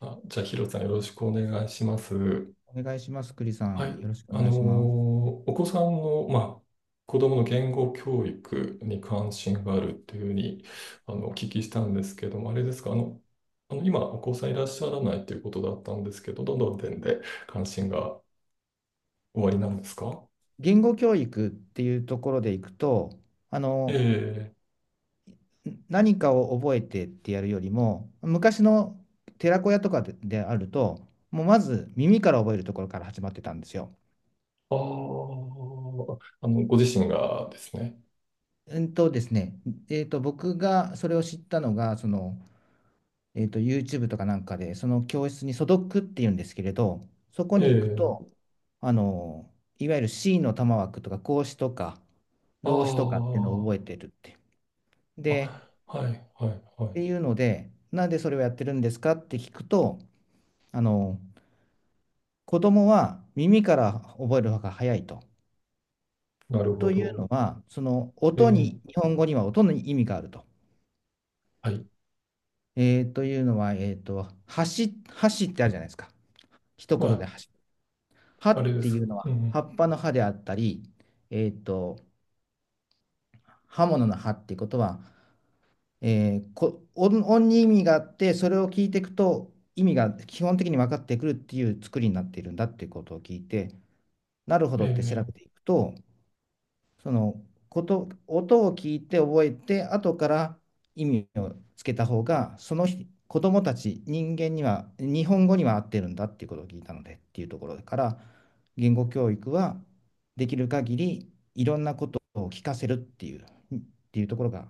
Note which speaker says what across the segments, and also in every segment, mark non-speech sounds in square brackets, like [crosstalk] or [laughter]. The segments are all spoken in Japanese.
Speaker 1: あ、じゃあ、ヒロさん、よろしくお願いします。
Speaker 2: お願いします、栗さ
Speaker 1: はい。
Speaker 2: ん。よろしくお
Speaker 1: あ
Speaker 2: 願
Speaker 1: の
Speaker 2: い
Speaker 1: ー
Speaker 2: します。
Speaker 1: お子さんの、まあ、子供の言語教育に関心があるっていうふうに、お聞きしたんですけども、あれですか、今、お子さんいらっしゃらないということだったんですけど、どの点で関心がおありなんですか？
Speaker 2: 言語教育っていうところでいくと、あの、
Speaker 1: ええ、
Speaker 2: 何かを覚えてってやるよりも、昔の寺子屋とかで、であると、もうまず耳から覚えるところから始まってたんですよ。
Speaker 1: ああー、ご自身がですね。
Speaker 2: うんとですね、えーと、僕がそれを知ったのが、その、YouTube とかなんかで、その教室に素読っていうんですけれど、そこに行く
Speaker 1: え
Speaker 2: と、
Speaker 1: え、
Speaker 2: あの、いわゆる C の玉枠とか、孔子とか、
Speaker 1: あ
Speaker 2: 老子とかっていうのを
Speaker 1: あ、
Speaker 2: 覚えてるって。
Speaker 1: あ、
Speaker 2: で、
Speaker 1: はい、はい、は
Speaker 2: っ
Speaker 1: い。
Speaker 2: ていうので、なんでそれをやってるんですかって聞くと、あの、子供は耳から覚えるのが早いと。
Speaker 1: なるほ
Speaker 2: という
Speaker 1: ど。
Speaker 2: のは、その音
Speaker 1: え
Speaker 2: に、日
Speaker 1: え、
Speaker 2: 本語には音に意味があると。
Speaker 1: はい。
Speaker 2: というのは、橋ってあるじゃないですか。一
Speaker 1: ま
Speaker 2: 言で橋。
Speaker 1: あ、
Speaker 2: 葉
Speaker 1: あれ
Speaker 2: っ
Speaker 1: で
Speaker 2: て
Speaker 1: す。
Speaker 2: いうの
Speaker 1: う
Speaker 2: は
Speaker 1: ん。
Speaker 2: 葉っぱの葉であったり、えーと、刃物の葉っていうことは、えーこ、音、音に意味があって、それを聞いていくと意味が基本的に分かってくるっていう作りになっているんだっていうことを聞いて、なるほどって調べて
Speaker 1: ええ、
Speaker 2: いくと、そのこと、音を聞いて覚えて、後から意味をつけた方が、その人子供たち、人間には、日本語には合ってるんだっていうことを聞いたのでっていうところから、言語教育はできる限りいろんなことを聞かせるっていう、ところが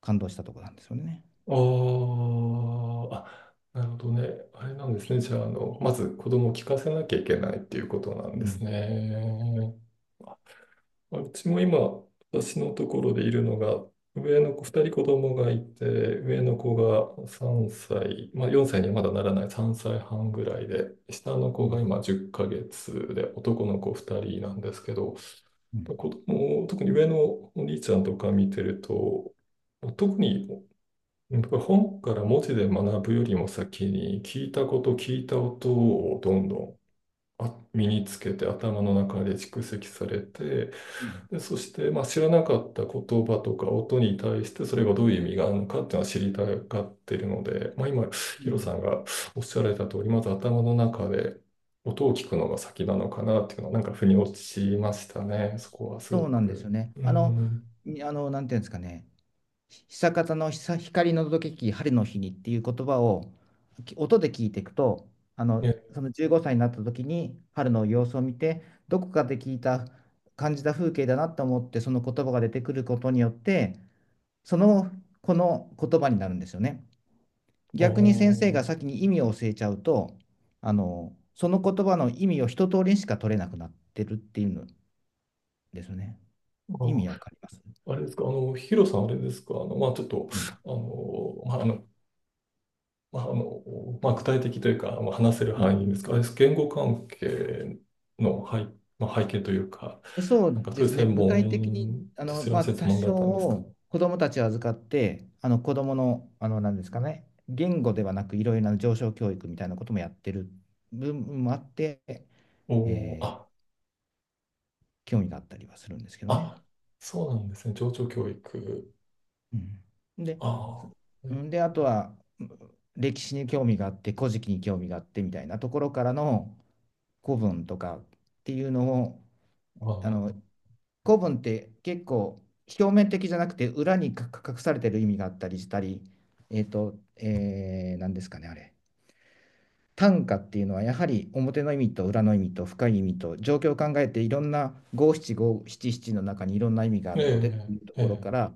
Speaker 2: 感動したところなんですよね。
Speaker 1: ああ、あ、なるほどね。あれなんですね。じゃあ、まず子供を聞かせなきゃいけないっていうことなん
Speaker 2: う
Speaker 1: です
Speaker 2: ん、
Speaker 1: ね。うちも今、私のところでいるのが、上の子、2人子供がいて、上の子が3歳、まあ4歳にはまだならない3歳半ぐらいで、下の
Speaker 2: う
Speaker 1: 子が
Speaker 2: ん、
Speaker 1: 今10ヶ月で、男の子2人なんですけど、
Speaker 2: うん、
Speaker 1: 子供、特に上のお兄ちゃんとか見てると、特に、うん、僕は本から文字で学ぶよりも先に聞いた音をどんどん身につけて頭の中で蓄積されて、
Speaker 2: うん、
Speaker 1: で、そして、まあ、知らなかった言葉とか音に対してそれがどういう意味があるのかっていうのは知りたがってるので、まあ、今ヒ
Speaker 2: う
Speaker 1: ロさ
Speaker 2: ん。
Speaker 1: んがおっしゃられた通り、まず頭の中で音を聞くのが先なのかなっていうのはなんか腑に落ちましたね、そこはすご
Speaker 2: そうなんですよ
Speaker 1: く。
Speaker 2: ね。
Speaker 1: う
Speaker 2: あの、
Speaker 1: ん、
Speaker 2: にあの、なんていうんですかね、久方の光の届けき春の日にっていう言葉を音で聞いていくと、あの、
Speaker 1: ね、
Speaker 2: その15歳になった時に春の様子を見て、どこかで聞いた、感じた風景だなと思って、その言葉が出てくることによって、その、この言葉になるんですよね。
Speaker 1: あ
Speaker 2: 逆に先生が
Speaker 1: ー
Speaker 2: 先に意味を教えちゃうと、その言葉の意味を一通りしか取れなくなってるっていうのですね。
Speaker 1: あ
Speaker 2: 意
Speaker 1: ー
Speaker 2: 味わかります？
Speaker 1: あれですか、ヒロさん、あれですか、まあ、ちょっと、
Speaker 2: うん、
Speaker 1: まあ、まあ、まあ、具体的というか、まあ、話せる
Speaker 2: う
Speaker 1: 範
Speaker 2: ん。
Speaker 1: 囲ですか、あれです、言語関係のまあ、背景というか、
Speaker 2: そ
Speaker 1: なん
Speaker 2: う
Speaker 1: かそ
Speaker 2: で
Speaker 1: ういう
Speaker 2: すね、
Speaker 1: 専
Speaker 2: 具体的に、
Speaker 1: 門、
Speaker 2: あ
Speaker 1: そ
Speaker 2: の
Speaker 1: ちら
Speaker 2: ま
Speaker 1: の
Speaker 2: あ、
Speaker 1: 専
Speaker 2: 多
Speaker 1: 門だったんですか。
Speaker 2: 少子どもたちを預かって、あの子どもの、なんですかね、言語ではなく、いろいろな上昇教育みたいなこともやってる部分もあって、
Speaker 1: おお、
Speaker 2: え
Speaker 1: あ、
Speaker 2: ー興味があったりはするんですけどね。
Speaker 1: あ、そうなんですね、情緒教育。
Speaker 2: うん、で、
Speaker 1: ああ、は
Speaker 2: う
Speaker 1: い、
Speaker 2: んであとは、歴史に興味があって、古事記に興味があってみたいなところからの古文とかっていうのを、
Speaker 1: あ
Speaker 2: あ
Speaker 1: あ、
Speaker 2: の古文って結構表面的じゃなくて裏にか隠されてる意味があったりしたり、何ですかね、あれ。短歌っていうのはやはり表の意味と裏の意味と深い意味と状況を考えて、いろんな五七五七七の中にいろんな意味があ
Speaker 1: え
Speaker 2: るのでっていうと
Speaker 1: え、
Speaker 2: ころ
Speaker 1: え
Speaker 2: から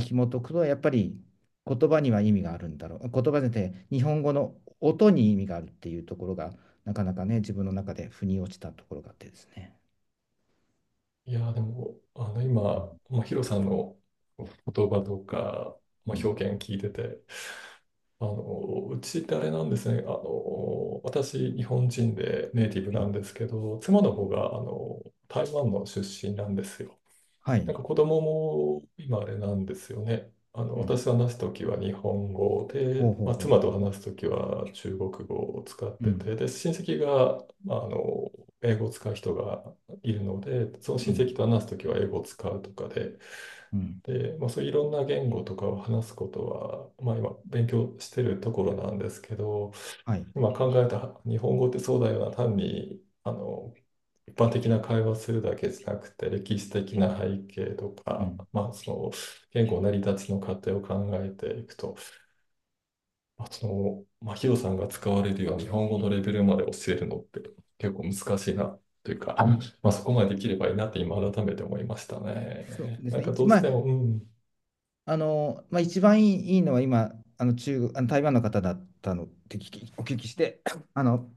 Speaker 2: 紐解くと、やっぱり言葉には意味があるんだろう、言葉で日本語の音に意味があるっていうところが、なかなかね、自分の中で腑に落ちたところがあってですね。
Speaker 1: え、いや、でも、今、
Speaker 2: うん、
Speaker 1: まあ、ヒロさんの言葉とか、
Speaker 2: う
Speaker 1: まあ、
Speaker 2: ん、
Speaker 1: 表現聞いてて、うちってあれなんですね。私、日本人でネイティブ
Speaker 2: う
Speaker 1: なん
Speaker 2: ん、
Speaker 1: ですけど、妻の方が、台湾の出身なんですよ。
Speaker 2: はい、
Speaker 1: なんか子供も今あれなんですよね。
Speaker 2: うん。
Speaker 1: 私と話すときは日本語で、
Speaker 2: ほうほ
Speaker 1: ま
Speaker 2: う
Speaker 1: あ、
Speaker 2: ほ
Speaker 1: 妻
Speaker 2: う。
Speaker 1: と話すときは中国語を使っ
Speaker 2: う
Speaker 1: て
Speaker 2: ん。
Speaker 1: て、で、親戚が、まあ、英語を使う人がいるので、その
Speaker 2: う
Speaker 1: 親
Speaker 2: ん。
Speaker 1: 戚と話すときは英語を使うとかで、
Speaker 2: うん。
Speaker 1: で、まあ、そういういろんな言語とかを話すことは、まあ、今勉強してるところなんですけど、
Speaker 2: はい。
Speaker 1: 今考えた日本語ってそうだよな、単に一般的な会話するだけじゃなくて、歴史的な背景と
Speaker 2: う
Speaker 1: か、
Speaker 2: ん。
Speaker 1: まあ、その言語成り立ちの過程を考えていくと、まあ、その、まあ、ヒロさんが使われるような日本語のレベルまで教えるのって結構難しいなというか、まあ、そこまでできればいいなって今改めて思いました
Speaker 2: そう
Speaker 1: ね。
Speaker 2: で
Speaker 1: な
Speaker 2: す
Speaker 1: ん
Speaker 2: ね。
Speaker 1: かどう
Speaker 2: ま
Speaker 1: しても、
Speaker 2: あ、
Speaker 1: うん、
Speaker 2: あの、まあ、一番いいのは今、あの中国、台湾の方だったのってお聞きして、[coughs] [clears throat] あの、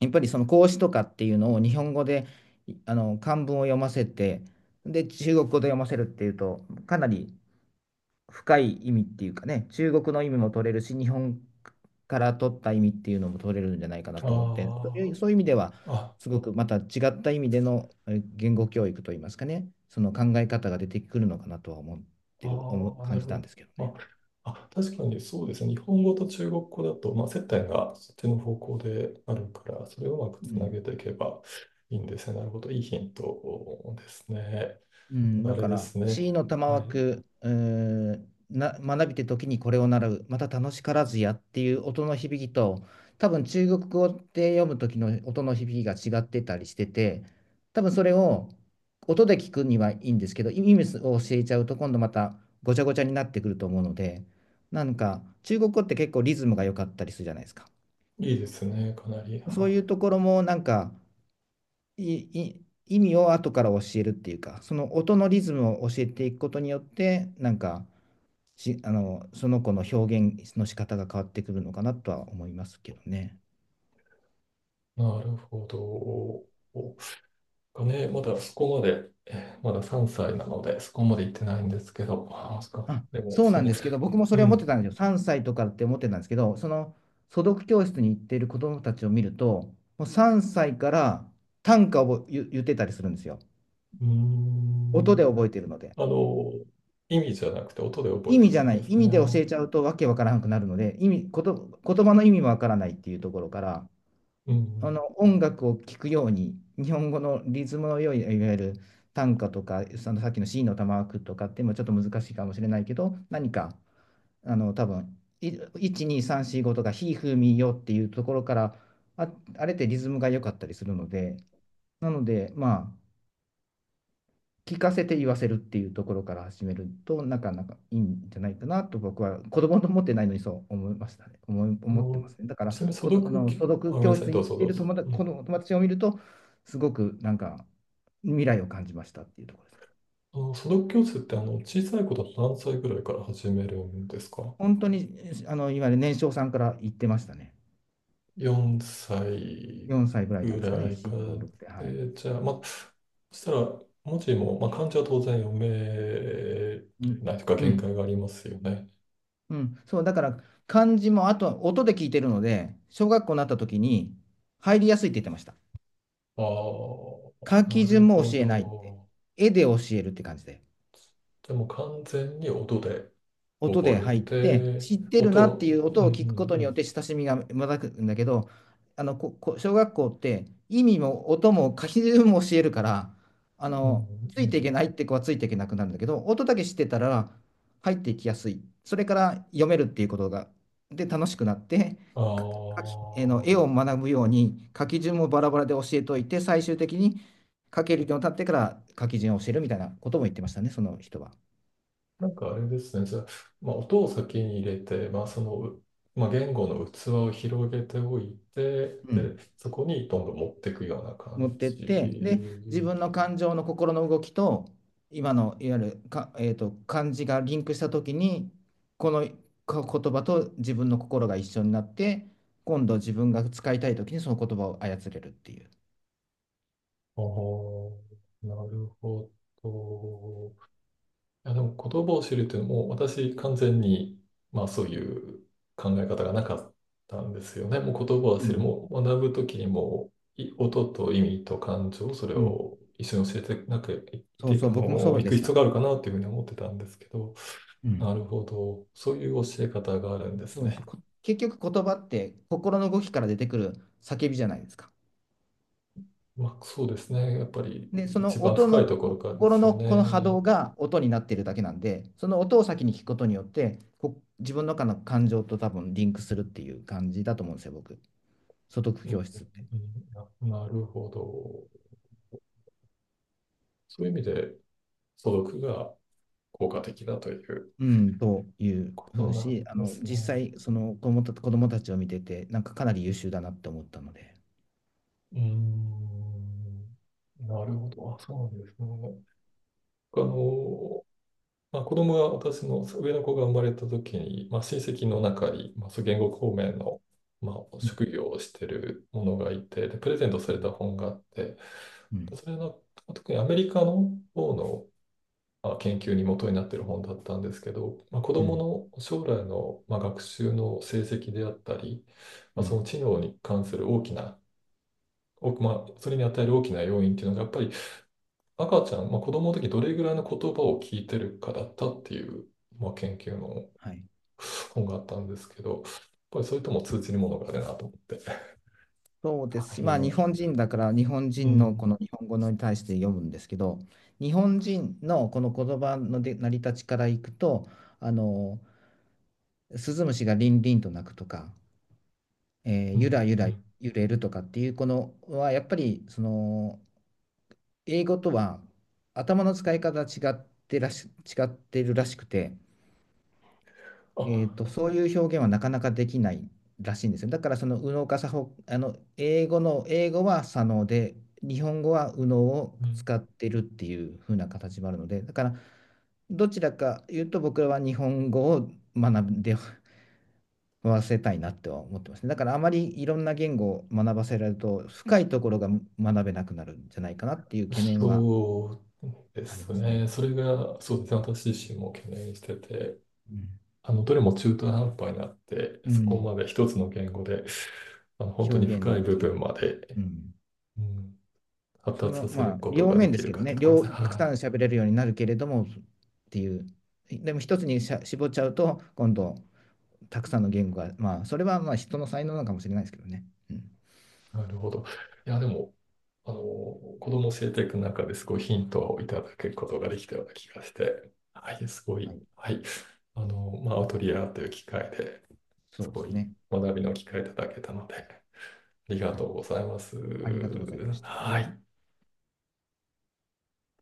Speaker 2: やっぱりその孔子とかっていうのを日本語で、いあの、漢文を読ませて、で、中国語で読ませるっていうと、かなり深い意味っていうかね、中国の意味も取れるし、日本から取った意味っていうのも取れるんじゃないかなと思って、そ
Speaker 1: あ
Speaker 2: ういう、そういう意味では、
Speaker 1: あ、
Speaker 2: すごくまた違った意味での言語教育といいますかね、その考え方が出てくるのかなとは思ってる、思
Speaker 1: あ
Speaker 2: う、
Speaker 1: あ、な
Speaker 2: 感
Speaker 1: る
Speaker 2: じ
Speaker 1: ほ
Speaker 2: たん
Speaker 1: ど。
Speaker 2: ですけど
Speaker 1: ま
Speaker 2: ね。
Speaker 1: あ、あ、確かにそうですね。日本語と中国語だと、まあ、接点がそっちの方向であるから、それをうまく
Speaker 2: う
Speaker 1: つなげ
Speaker 2: ん、
Speaker 1: ていけばいいんですね。なるほど。いいヒントですね。
Speaker 2: う
Speaker 1: た
Speaker 2: ん、
Speaker 1: だ
Speaker 2: だ
Speaker 1: あれ
Speaker 2: か
Speaker 1: で
Speaker 2: ら、
Speaker 1: すね。
Speaker 2: C の玉
Speaker 1: はい。
Speaker 2: 枠、学びて時にこれを習う、また楽しからずやっていう音の響きと、多分中国語で読む時の音の響きが違ってたりしてて、多分それを音で聞くにはいいんですけど、意味を教えちゃうと今度またごちゃごちゃになってくると思うので、なんか中国語って結構リズムが良かったりするじゃないですか。
Speaker 1: いいですね、かなり。
Speaker 2: そういう
Speaker 1: は
Speaker 2: ところもなんかいい、意味を後から教えるっていうか、その音のリズムを教えていくことによって、なんかし、あの、その子の表現の仕方が変わってくるのかなとは思いますけどね。
Speaker 1: い。なるほど。がね、まだそこまで、まだ3歳なので、そこまで行ってないんですけど、あ、そっか。
Speaker 2: あ、
Speaker 1: でも、
Speaker 2: そう
Speaker 1: そ
Speaker 2: なん
Speaker 1: の、
Speaker 2: ですけど、僕もそ
Speaker 1: う
Speaker 2: れは思って
Speaker 1: ん。
Speaker 2: たんですよ。3歳とかって思ってたんですけど、その素読教室に行っている子供たちを見ると、もう3歳から短歌を言ってたりするんですよ。
Speaker 1: うー
Speaker 2: 音で
Speaker 1: ん。
Speaker 2: 覚えてるので。
Speaker 1: あの、意味じゃなくて音で覚え
Speaker 2: 意
Speaker 1: てい
Speaker 2: 味じ
Speaker 1: く
Speaker 2: ゃ
Speaker 1: ん
Speaker 2: な
Speaker 1: で
Speaker 2: い、
Speaker 1: す
Speaker 2: 意味で教
Speaker 1: ね。
Speaker 2: えちゃうとわけわからなくなるので、意味、こと、言葉の意味もわからないっていうところから、
Speaker 1: う
Speaker 2: あ
Speaker 1: ん。
Speaker 2: の音楽を聴くように、日本語のリズムの良い、いわゆる短歌とか、そのさっきの C の玉句とかってもちょっと難しいかもしれないけど、何か、多分1、2、3、4、5とか、ひ、ふ、み、よっていうところから、あ、あれってリズムが良かったりするので、で、まあ、聞かせて言わせるっていうところから始めると、なかなかいいんじゃないかなと、僕は子供と思ってないのにそう思いましたね。思い
Speaker 1: あ
Speaker 2: 思って
Speaker 1: の、
Speaker 2: ますね。だから、
Speaker 1: ちなみに素
Speaker 2: このあ
Speaker 1: 読
Speaker 2: の所
Speaker 1: き、あ、ご
Speaker 2: 属
Speaker 1: めんな
Speaker 2: 教
Speaker 1: さい、
Speaker 2: 室
Speaker 1: ど
Speaker 2: に
Speaker 1: う
Speaker 2: 行っ
Speaker 1: ぞ
Speaker 2: て
Speaker 1: ど
Speaker 2: い
Speaker 1: う
Speaker 2: る
Speaker 1: ぞ。
Speaker 2: 友達
Speaker 1: う
Speaker 2: こ
Speaker 1: ん。
Speaker 2: の友達を見ると、すごくなんか未来を感じましたっていうところですね。
Speaker 1: 素読教室って小さい子だと何歳ぐらいから始めるんですか？
Speaker 2: 本当にいわゆる年少さんから言ってましたね。
Speaker 1: 4 歳
Speaker 2: 4歳ぐらいなん
Speaker 1: ぐ
Speaker 2: ですかね、
Speaker 1: らいか
Speaker 2: 4、5、
Speaker 1: ら。
Speaker 2: 6って。はい。
Speaker 1: で、じゃあ、まあ、そしたら文字も、まあ、漢字は当然読め
Speaker 2: うん。
Speaker 1: ないというか
Speaker 2: う
Speaker 1: 限界
Speaker 2: ん。
Speaker 1: がありますよね。
Speaker 2: うん、そう、だから漢字もあとは音で聞いてるので、小学校になった時に入りやすいって言ってました。
Speaker 1: ああ、
Speaker 2: 書
Speaker 1: な
Speaker 2: き
Speaker 1: る
Speaker 2: 順も
Speaker 1: ほ
Speaker 2: 教えないって。
Speaker 1: ど。
Speaker 2: 絵で教えるって感じで。
Speaker 1: じゃあもう完全に音で。
Speaker 2: 音で
Speaker 1: 覚え
Speaker 2: 入って、
Speaker 1: て、
Speaker 2: 知ってるなってい
Speaker 1: 音、
Speaker 2: う
Speaker 1: うん、
Speaker 2: 音を聞くこと
Speaker 1: う
Speaker 2: によって
Speaker 1: ん、
Speaker 2: 親しみがまくんだけど、ここ小学校って意味も音も書き順も教えるから、
Speaker 1: うん、
Speaker 2: つ
Speaker 1: うん、う
Speaker 2: いてい
Speaker 1: ん。
Speaker 2: けないって子はついていけなくなるんだけど、音だけ知ってたら入っていきやすい。それから読めるっていうことが、で楽しくなって、か書
Speaker 1: あ
Speaker 2: きえーの絵を学ぶように、書き順もバラバラで教えといて、最終的に書けるようになってから書き順を教えるみたいなことも言ってましたね、その人は。
Speaker 1: あ、なんかあれですね。じゃあ、まあ、音を先に入れて、まあ、その、まあ、言語の器を広げておいて、
Speaker 2: う
Speaker 1: で、
Speaker 2: ん。
Speaker 1: そこにどんどん持っていくような
Speaker 2: 持
Speaker 1: 感
Speaker 2: ってって、で、自
Speaker 1: じ。
Speaker 2: 分の感情の心の動きと、今のいわゆるか、えーと、漢字がリンクしたときに、この言葉と自分の心が一緒になって、今度自分が使いたいときにその言葉を操れるっていう。
Speaker 1: ああ、なるほど。いや、でも言葉を知るっていうのも、私完全に、まあ、そういう考え方がなかったんですよね。もう言葉を
Speaker 2: う
Speaker 1: 知る、
Speaker 2: ん。
Speaker 1: もう学ぶときにも、音と意味と感情、それ
Speaker 2: うん。
Speaker 1: を一緒に教えて、なくい
Speaker 2: そう
Speaker 1: て、
Speaker 2: そう、僕もそう
Speaker 1: 行
Speaker 2: で
Speaker 1: く
Speaker 2: し
Speaker 1: 必要
Speaker 2: た。
Speaker 1: があるかなというふうに思ってたんですけど、
Speaker 2: う
Speaker 1: な
Speaker 2: ん。
Speaker 1: るほど。そういう教え方があるんです
Speaker 2: そうです。
Speaker 1: ね。
Speaker 2: 結局言葉って、心の動きから出てくる叫びじゃないですか。
Speaker 1: まあ、そうですね。やっぱり
Speaker 2: で、そ
Speaker 1: 一
Speaker 2: の
Speaker 1: 番
Speaker 2: 音
Speaker 1: 深
Speaker 2: の、
Speaker 1: いところからで
Speaker 2: 心
Speaker 1: すよ
Speaker 2: のこの波
Speaker 1: ね。
Speaker 2: 動が音になっているだけなんで、その音を先に聞くことによって、自分の中の感情と多分リンクするっていう感じだと思うんですよ、僕。素読
Speaker 1: うん、うん、
Speaker 2: 教室って。
Speaker 1: うん、なるほど。そういう意味で、素読が効果的だという。
Speaker 2: うん、というふ
Speaker 1: そ
Speaker 2: う
Speaker 1: うな
Speaker 2: し、
Speaker 1: ん
Speaker 2: あ
Speaker 1: で
Speaker 2: の
Speaker 1: す
Speaker 2: 実
Speaker 1: ね。
Speaker 2: 際、その子供たちを見てて、なんかかなり優秀だなって思ったので。
Speaker 1: うーん。なるほど。あ、そうなんですね。あの、まあ、子供が、私の上の子が生まれた時に、まあ、親戚の中に、まあ、そう言語方面の、まあ、
Speaker 2: うん、
Speaker 1: 職業をしてるものがいて、で、プレゼントさ
Speaker 2: う
Speaker 1: れた
Speaker 2: ん、
Speaker 1: 本があって、
Speaker 2: うん、
Speaker 1: それの、特にアメリカの方の、まあ、研究に基になっている本だったんですけど、まあ、子
Speaker 2: う
Speaker 1: ど
Speaker 2: ん、
Speaker 1: もの将来の、まあ、学習の成績であったり、
Speaker 2: う
Speaker 1: まあ、その
Speaker 2: ん、
Speaker 1: 知能に関する大きなまあ、それに与える大きな要因っていうのが、やっぱり赤ちゃん、まあ、子供の時どれぐらいの言葉を聞いてるかだったっていう、まあ、研究の
Speaker 2: はい。
Speaker 1: 本があったんですけど、やっぱりそれとも通じるものがあるなと思って。
Speaker 2: そうです
Speaker 1: は
Speaker 2: し、
Speaker 1: い、
Speaker 2: まあ、
Speaker 1: 今
Speaker 2: 日
Speaker 1: 聞い
Speaker 2: 本
Speaker 1: た。
Speaker 2: 人だから日本
Speaker 1: う
Speaker 2: 人の
Speaker 1: ん、
Speaker 2: この日本語に対して読むんですけど、日本人のこの言葉ので成り立ちからいくと、あのスズムシがリンリンと鳴くとか、
Speaker 1: う
Speaker 2: ゆら
Speaker 1: ん、
Speaker 2: ゆ
Speaker 1: う
Speaker 2: ら
Speaker 1: ん。
Speaker 2: 揺れるとかっていうこのはやっぱりその、英語とは頭の使い方が違ってるらしくて、
Speaker 1: あ、
Speaker 2: そういう表現はなかなかできないらしいんですよ。だからその右脳か左脳、あの英語は左脳で、日本語は右脳を
Speaker 1: うん、
Speaker 2: 使ってるっていう風な形もあるので、だからどちらか言うと僕らは日本語を学んでわせたいなっては思ってますね。だからあまりいろんな言語を学ばせられると深いところが学べなくなるんじゃないかなっていう懸念は
Speaker 1: そうで
Speaker 2: あり
Speaker 1: す
Speaker 2: ます
Speaker 1: ね。
Speaker 2: ね。
Speaker 1: それが、そうですね。私自身も懸念してて、
Speaker 2: うん、
Speaker 1: どれも中途半端になって、
Speaker 2: う
Speaker 1: そこ
Speaker 2: ん、
Speaker 1: まで一つの言語で、本当
Speaker 2: 表
Speaker 1: に
Speaker 2: 現
Speaker 1: 深い
Speaker 2: で
Speaker 1: 部
Speaker 2: き、
Speaker 1: 分まで、
Speaker 2: うん、
Speaker 1: うん、発
Speaker 2: そ
Speaker 1: 達
Speaker 2: の、
Speaker 1: させ
Speaker 2: ま
Speaker 1: る
Speaker 2: あ、
Speaker 1: こと
Speaker 2: 両
Speaker 1: がで
Speaker 2: 面で
Speaker 1: き
Speaker 2: す
Speaker 1: る
Speaker 2: けど
Speaker 1: かって
Speaker 2: ね、
Speaker 1: ところですね。
Speaker 2: たくさ
Speaker 1: は
Speaker 2: ん喋れるようになるけれどもっていう、でも一つに絞っちゃうと、今度、たくさんの言語が、まあ、それはまあ人の才能なのかもしれないですけどね。うん、
Speaker 1: い。なるほど。いや、でも、子供を教えていく中ですごいヒントをいただくことができたような気がして、はい、すご
Speaker 2: は
Speaker 1: い、
Speaker 2: い、
Speaker 1: はい。まあ、アウトリアという機会で
Speaker 2: そ
Speaker 1: す
Speaker 2: うで
Speaker 1: ご
Speaker 2: す
Speaker 1: い
Speaker 2: ね。
Speaker 1: 学びの機会いただけたので、ありが
Speaker 2: は
Speaker 1: と
Speaker 2: い、
Speaker 1: うございます。
Speaker 2: ありがとうございました。
Speaker 1: はい。